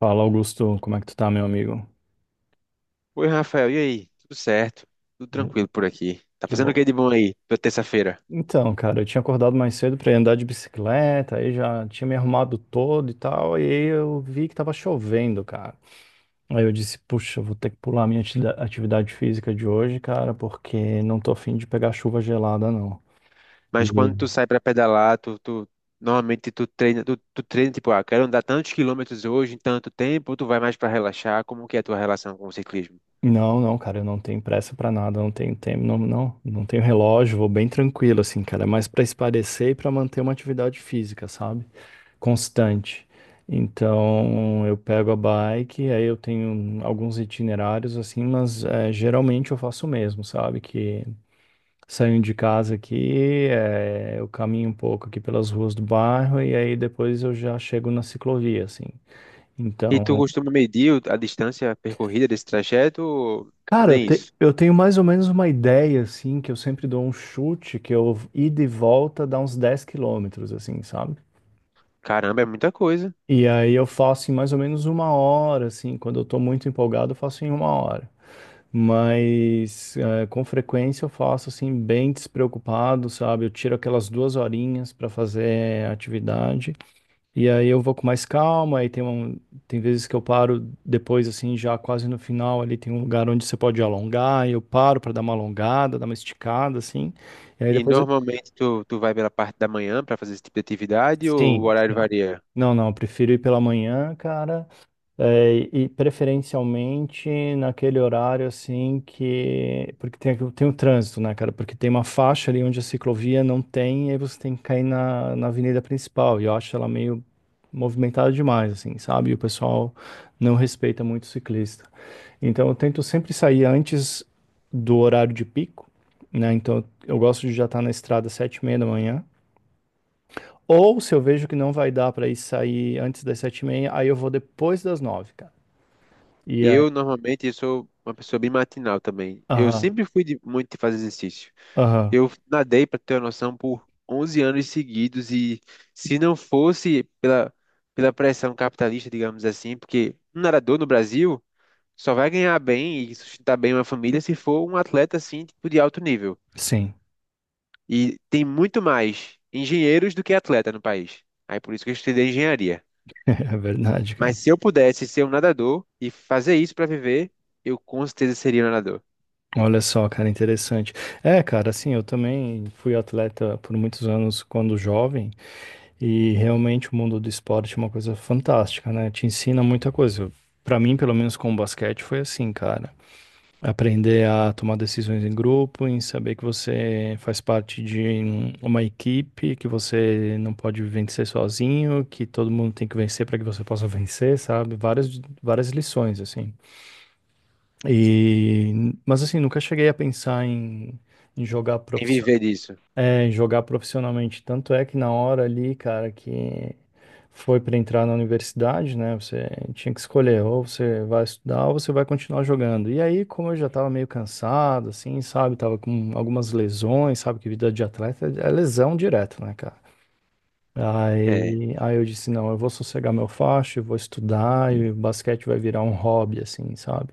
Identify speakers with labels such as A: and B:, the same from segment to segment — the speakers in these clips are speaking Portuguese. A: Fala, Augusto, como é que tu tá, meu amigo?
B: Oi, Rafael, e aí? Tudo certo? Tudo tranquilo por aqui. Tá
A: Que
B: fazendo o que de
A: bom.
B: bom aí, tua terça-feira?
A: Então, cara, eu tinha acordado mais cedo pra ir andar de bicicleta, aí já tinha me arrumado todo e tal, e aí eu vi que tava chovendo, cara. Aí eu disse, puxa, eu vou ter que pular a minha atividade física de hoje, cara, porque não tô afim de pegar chuva gelada, não. E
B: Mas quando tu sai pra pedalar, normalmente tu treina, tu treina tipo, ah, quero andar tantos quilômetros hoje em tanto tempo, ou tu vai mais pra relaxar? Como que é a tua relação com o ciclismo?
A: não, não, cara, eu não tenho pressa pra nada, não tenho tempo, não tenho relógio, vou bem tranquilo, assim, cara, é mais pra esparecer e pra manter uma atividade física, sabe? Constante. Então eu pego a bike, aí eu tenho alguns itinerários assim, mas geralmente eu faço o mesmo, sabe? Que saio de casa aqui, eu caminho um pouco aqui pelas ruas do bairro e aí depois eu já chego na ciclovia, assim.
B: E tu
A: Então,
B: costuma medir a distância percorrida desse trajeto, ou
A: cara,
B: nem isso?
A: eu tenho mais ou menos uma ideia, assim, que eu sempre dou um chute, que eu ida e volta dá uns 10 quilômetros, assim, sabe?
B: Caramba, é muita coisa.
A: E aí eu faço em mais ou menos uma hora, assim, quando eu tô muito empolgado, eu faço em uma hora. Mas com frequência eu faço assim, bem despreocupado, sabe? Eu tiro aquelas duas horinhas para fazer atividade. E aí eu vou com mais calma, tem vezes que eu paro depois, assim, já quase no final, ali tem um lugar onde você pode alongar, e eu paro para dar uma alongada, dar uma esticada, assim. E aí
B: E
A: depois.
B: normalmente tu vai pela parte da manhã pra fazer esse tipo de atividade, ou o
A: Sim,
B: horário
A: sim.
B: varia?
A: Não, não, eu prefiro ir pela manhã, cara. É, e preferencialmente naquele horário assim que. Porque tem, tem o trânsito, né, cara? Porque tem uma faixa ali onde a ciclovia não tem, e aí você tem que cair na avenida principal. E eu acho ela meio movimentada demais, assim, sabe? E o pessoal não respeita muito o ciclista. Então eu tento sempre sair antes do horário de pico, né? Então eu gosto de já estar na estrada às sete e meia da manhã. Ou se eu vejo que não vai dar para ir sair antes das sete e meia, aí eu vou depois das nove, cara. E
B: Eu normalmente sou uma pessoa bem matinal também. Eu
A: aham,
B: sempre fui de, muito de fazer exercício.
A: aham,
B: Eu nadei, para ter uma noção, por 11 anos seguidos, e se não fosse pela pressão capitalista, digamos assim, porque um nadador no Brasil só vai ganhar bem e sustentar bem uma família se for um atleta assim, tipo de alto nível.
A: sim,
B: E tem muito mais engenheiros do que atleta no país. Aí por isso que eu estudei engenharia.
A: é verdade,
B: Mas
A: cara.
B: se eu pudesse ser um nadador e fazer isso para viver, eu com certeza seria um nadador.
A: Olha só, cara, interessante. É, cara, assim, eu também fui atleta por muitos anos quando jovem e realmente o mundo do esporte é uma coisa fantástica, né? Te ensina muita coisa. Pra mim, pelo menos com o basquete, foi assim, cara. Aprender a tomar decisões em grupo, em saber que você faz parte de uma equipe, que você não pode vencer sozinho, que todo mundo tem que vencer para que você possa vencer, sabe? Várias, várias lições, assim. E, mas assim, nunca cheguei a pensar em, em jogar
B: E
A: profissio-
B: viver disso.
A: é, em jogar profissionalmente. Tanto é que na hora ali, cara, que foi para entrar na universidade, né? Você tinha que escolher, ou você vai estudar ou você vai continuar jogando. E aí, como eu já tava meio cansado, assim, sabe? Tava com algumas lesões, sabe? Que vida de atleta é lesão direto, né, cara?
B: É.
A: Aí eu disse, não, eu vou sossegar meu facho, eu vou estudar e o basquete vai virar um hobby, assim, sabe?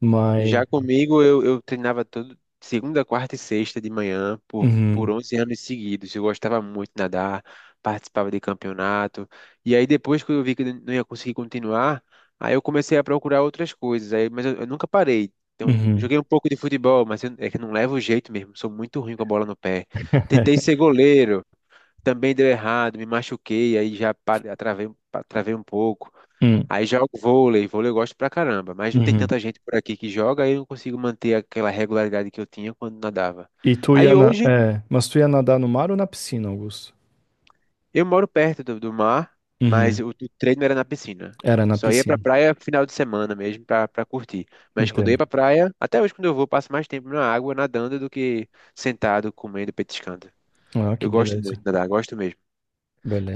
A: Mas
B: Já comigo, eu treinava todo segunda, quarta e sexta de manhã por
A: uhum.
B: 11 anos seguidos. Eu gostava muito de nadar, participava de campeonato. E aí, depois que eu vi que eu não ia conseguir continuar, aí eu comecei a procurar outras coisas. Aí, mas eu nunca parei. Então,
A: Uhum.
B: joguei um pouco de futebol, mas é que eu não levo jeito mesmo. Sou muito ruim com a bola no pé. Tentei ser goleiro. Também deu errado, me machuquei, aí já travei, travei um pouco.
A: Hum,
B: Aí jogo vôlei, vôlei eu gosto pra caramba, mas não tem
A: uhum.
B: tanta gente por aqui que joga, aí eu não consigo manter aquela regularidade que eu tinha quando nadava. Aí hoje
A: É, mas tu ia nadar no mar ou na piscina, Augusto?
B: eu moro perto do mar, mas
A: Uhum.
B: o treino era na piscina.
A: Era na
B: Só ia pra
A: piscina.
B: praia final de semana mesmo pra curtir. Mas quando eu ia
A: Entendo.
B: pra praia, até hoje quando eu vou, eu passo mais tempo na água nadando do que sentado, comendo, petiscando.
A: Ah, que
B: Eu gosto muito
A: beleza.
B: de nadar, gosto mesmo.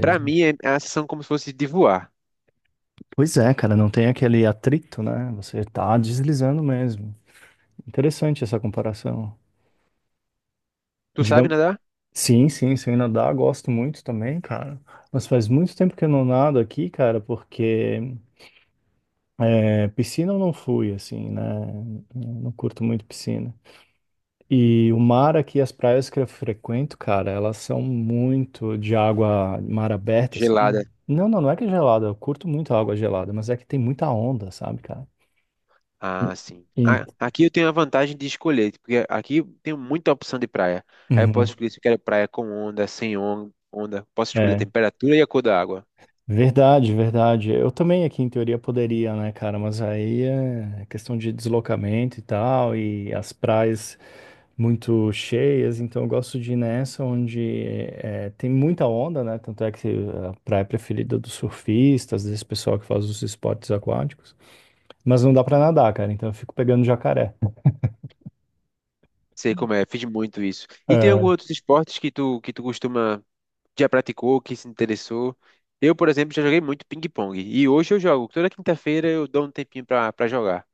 B: Pra mim é a sensação como se fosse de voar.
A: Pois é, cara, não tem aquele atrito, né? Você tá deslizando mesmo. Interessante essa comparação.
B: Tu sabe
A: Digam-
B: nadar?
A: Sim, sim, sem nadar, gosto muito também, cara. Mas faz muito tempo que eu não nado aqui, cara, porque piscina eu não fui, assim, né? Eu não curto muito piscina. E o mar aqui, as praias que eu frequento, cara, elas são muito de água, mar aberta, assim.
B: Gelada.
A: Não, não, não é que é gelada, eu curto muito a água gelada, mas é que tem muita onda, sabe, cara? E-
B: Ah, sim.
A: e-
B: Aqui eu tenho a vantagem de escolher, porque aqui tem muita opção de praia. Aí eu posso
A: Uhum.
B: escolher se eu quero praia com onda, sem on- onda. Posso escolher a
A: É.
B: temperatura e a cor da água.
A: Verdade, verdade. Eu também aqui em teoria poderia, né, cara? Mas aí é questão de deslocamento e tal, e as praias muito cheias, então eu gosto de ir nessa onde tem muita onda, né? Tanto é que a praia preferida dos surfistas, desse pessoal que faz os esportes aquáticos. Mas não dá pra nadar, cara, então eu fico pegando jacaré.
B: Sei como é, fiz muito isso. E tem alguns
A: É.
B: outros esportes que tu costuma, já praticou, que se interessou? Eu, por exemplo, já joguei muito ping-pong. E hoje eu jogo. Toda quinta-feira eu dou um tempinho pra jogar.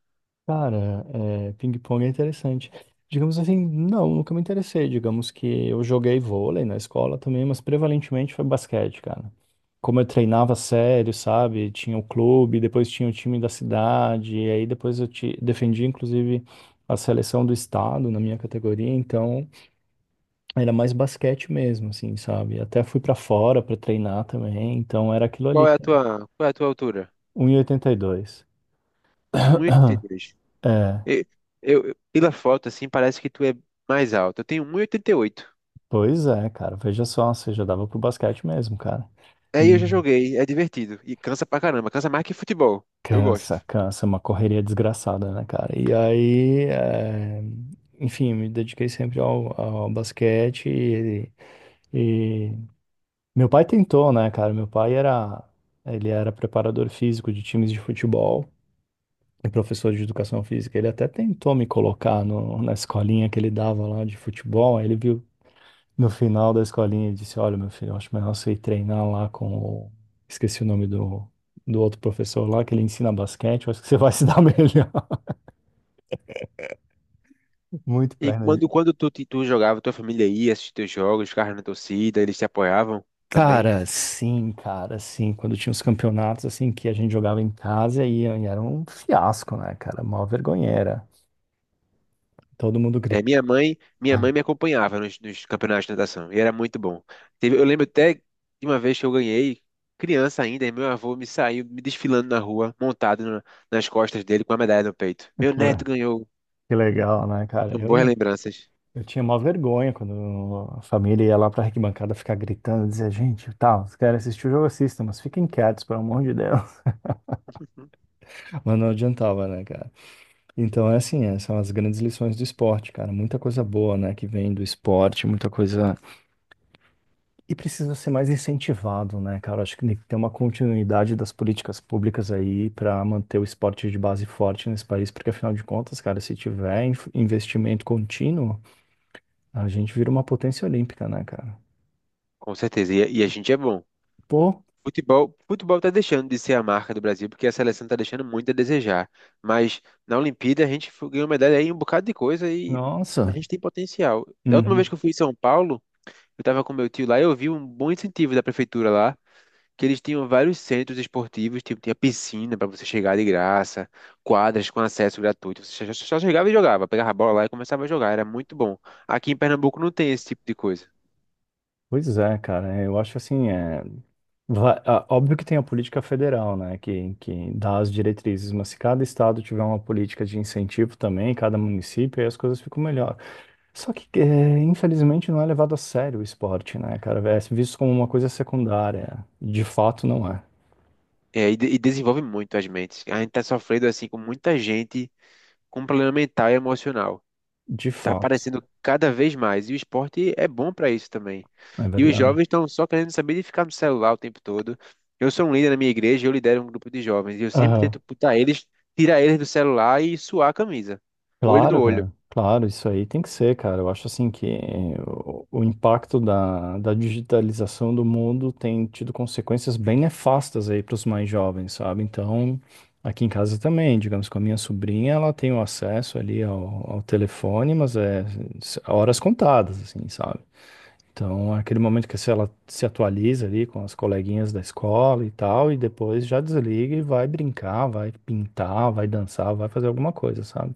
A: Cara, é, ping-pong é interessante. Digamos assim, não, nunca me interessei. Digamos que eu joguei vôlei na escola também, mas prevalentemente foi basquete, cara. Como eu treinava sério, sabe? Tinha o clube, depois tinha o time da cidade, e aí depois eu te defendi, inclusive, a seleção do estado na minha categoria, então era mais basquete mesmo, assim, sabe? Até fui pra fora pra treinar também, então era aquilo ali,
B: Qual é a tua altura?
A: um 1,82.
B: Um 1,82.
A: É.
B: E, pela foto, assim, parece que tu é mais alto. Eu tenho um e oitenta e oito.
A: Pois é, cara. Veja só, você já dava pro basquete mesmo, cara.
B: Aí eu
A: E
B: já joguei, é divertido. E cansa pra caramba, cansa mais que futebol. Eu
A: cansa,
B: gosto.
A: cansa, é uma correria desgraçada, né, cara? E aí, enfim, me dediquei sempre ao basquete e meu pai tentou, né, cara? Meu pai era, ele era preparador físico de times de futebol e professor de educação física. Ele até tentou me colocar no, na escolinha que ele dava lá de futebol. Aí ele viu. No final da escolinha, ele disse: Olha, meu filho, eu acho melhor você ir treinar lá com o. Esqueci o nome do outro professor lá, que ele ensina basquete. Eu acho que você vai se dar melhor. Muito
B: E
A: perna.
B: quando tu jogava, tua família ia assistir teus jogos, ficava na torcida, eles te apoiavam também.
A: Cara, sim, cara, sim. Quando tinha os campeonatos, assim, que a gente jogava em casa e era um fiasco, né, cara? Mó vergonheira. Todo mundo
B: É,
A: grita.
B: minha mãe, minha mãe me acompanhava nos campeonatos de natação, e era muito bom. Eu lembro até de uma vez que eu ganhei, criança ainda, e meu avô me saiu me desfilando na rua, montado nas costas dele com a medalha no peito. Meu
A: Que,
B: neto
A: le-
B: ganhou.
A: que legal, né, cara?
B: São
A: Eu
B: boas
A: não.
B: lembranças.
A: Eu tinha mó vergonha quando a família ia lá pra arquibancada ficar gritando, dizer, gente, tá, vocês querem assistir o jogo, assistam, mas fiquem quietos, pelo amor de Deus. Mas não adiantava, né, cara? Então é assim, é, são as grandes lições do esporte, cara. Muita coisa boa, né, que vem do esporte, muita coisa. E precisa ser mais incentivado, né, cara? Acho que tem que ter uma continuidade das políticas públicas aí para manter o esporte de base forte nesse país, porque afinal de contas, cara, se tiver investimento contínuo, a gente vira uma potência olímpica, né, cara?
B: Com certeza. E, a gente é bom.
A: Pô,
B: Futebol, futebol tá deixando de ser a marca do Brasil, porque a seleção tá deixando muito a desejar. Mas na Olimpíada a gente ganhou medalha aí em um bocado de coisa, e a
A: nossa.
B: gente tem potencial. Da última vez
A: Uhum.
B: que eu fui em São Paulo, eu tava com meu tio lá e eu vi um bom incentivo da prefeitura lá, que eles tinham vários centros esportivos, tipo, tinha piscina para você chegar de graça, quadras com acesso gratuito. Você só chegava e jogava, pegava a bola lá e começava a jogar, era muito bom. Aqui em Pernambuco não tem esse tipo de coisa.
A: Pois é, cara. É, eu acho assim, é. Óbvio que tem a política federal, né, que dá as diretrizes, mas se cada estado tiver uma política de incentivo também, cada município, aí as coisas ficam melhor. Só que, infelizmente, não é levado a sério o esporte, né, cara? É visto como uma coisa secundária. De fato, não é.
B: E desenvolve muito as mentes. A gente tá sofrendo assim com muita gente com um problema mental e emocional.
A: De
B: Tá
A: fato,
B: aparecendo cada vez mais. E o esporte é bom para isso também.
A: é
B: E os
A: verdade.
B: jovens estão só querendo saber de ficar no celular o tempo todo. Eu sou um líder na minha igreja, eu lidero um grupo de jovens. E eu sempre
A: Aham.
B: tento putar eles, tirar eles do celular e suar a camisa. Olho no
A: Claro,
B: olho.
A: cara. Claro, isso aí tem que ser, cara. Eu acho assim que o impacto da digitalização do mundo tem tido consequências bem nefastas aí para os mais jovens, sabe? Então, aqui em casa também, digamos, com a minha sobrinha, ela tem o acesso ali ao telefone, mas é horas contadas, assim, sabe? Então, é aquele momento que se ela se atualiza ali com as coleguinhas da escola e tal, e depois já desliga e vai brincar, vai pintar, vai dançar, vai fazer alguma coisa, sabe?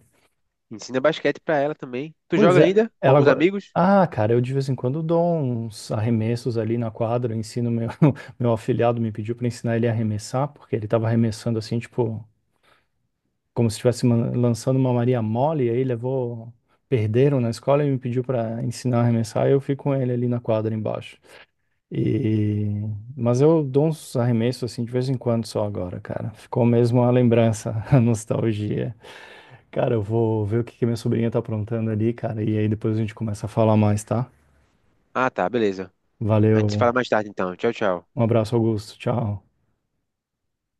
B: Ensina basquete para ela também. Tu
A: Pois
B: joga
A: é,
B: ainda? Com
A: ela
B: alguns
A: agora.
B: amigos?
A: Ah, cara, eu de vez em quando dou uns arremessos ali na quadra, eu ensino meu meu afilhado me pediu para ensinar ele a arremessar, porque ele tava arremessando assim, tipo, como se estivesse lançando uma Maria mole, e aí levou perderam na escola e me pediu para ensinar a arremessar, e eu fico com ele ali na quadra embaixo. E mas eu dou uns arremessos assim de vez em quando só agora, cara. Ficou mesmo a lembrança, a nostalgia. Cara, eu vou ver o que que minha sobrinha tá aprontando ali, cara, e aí depois a gente começa a falar mais, tá?
B: Ah, tá, beleza. A gente se
A: Valeu.
B: fala mais tarde então. Tchau, tchau.
A: Um abraço, Augusto. Tchau.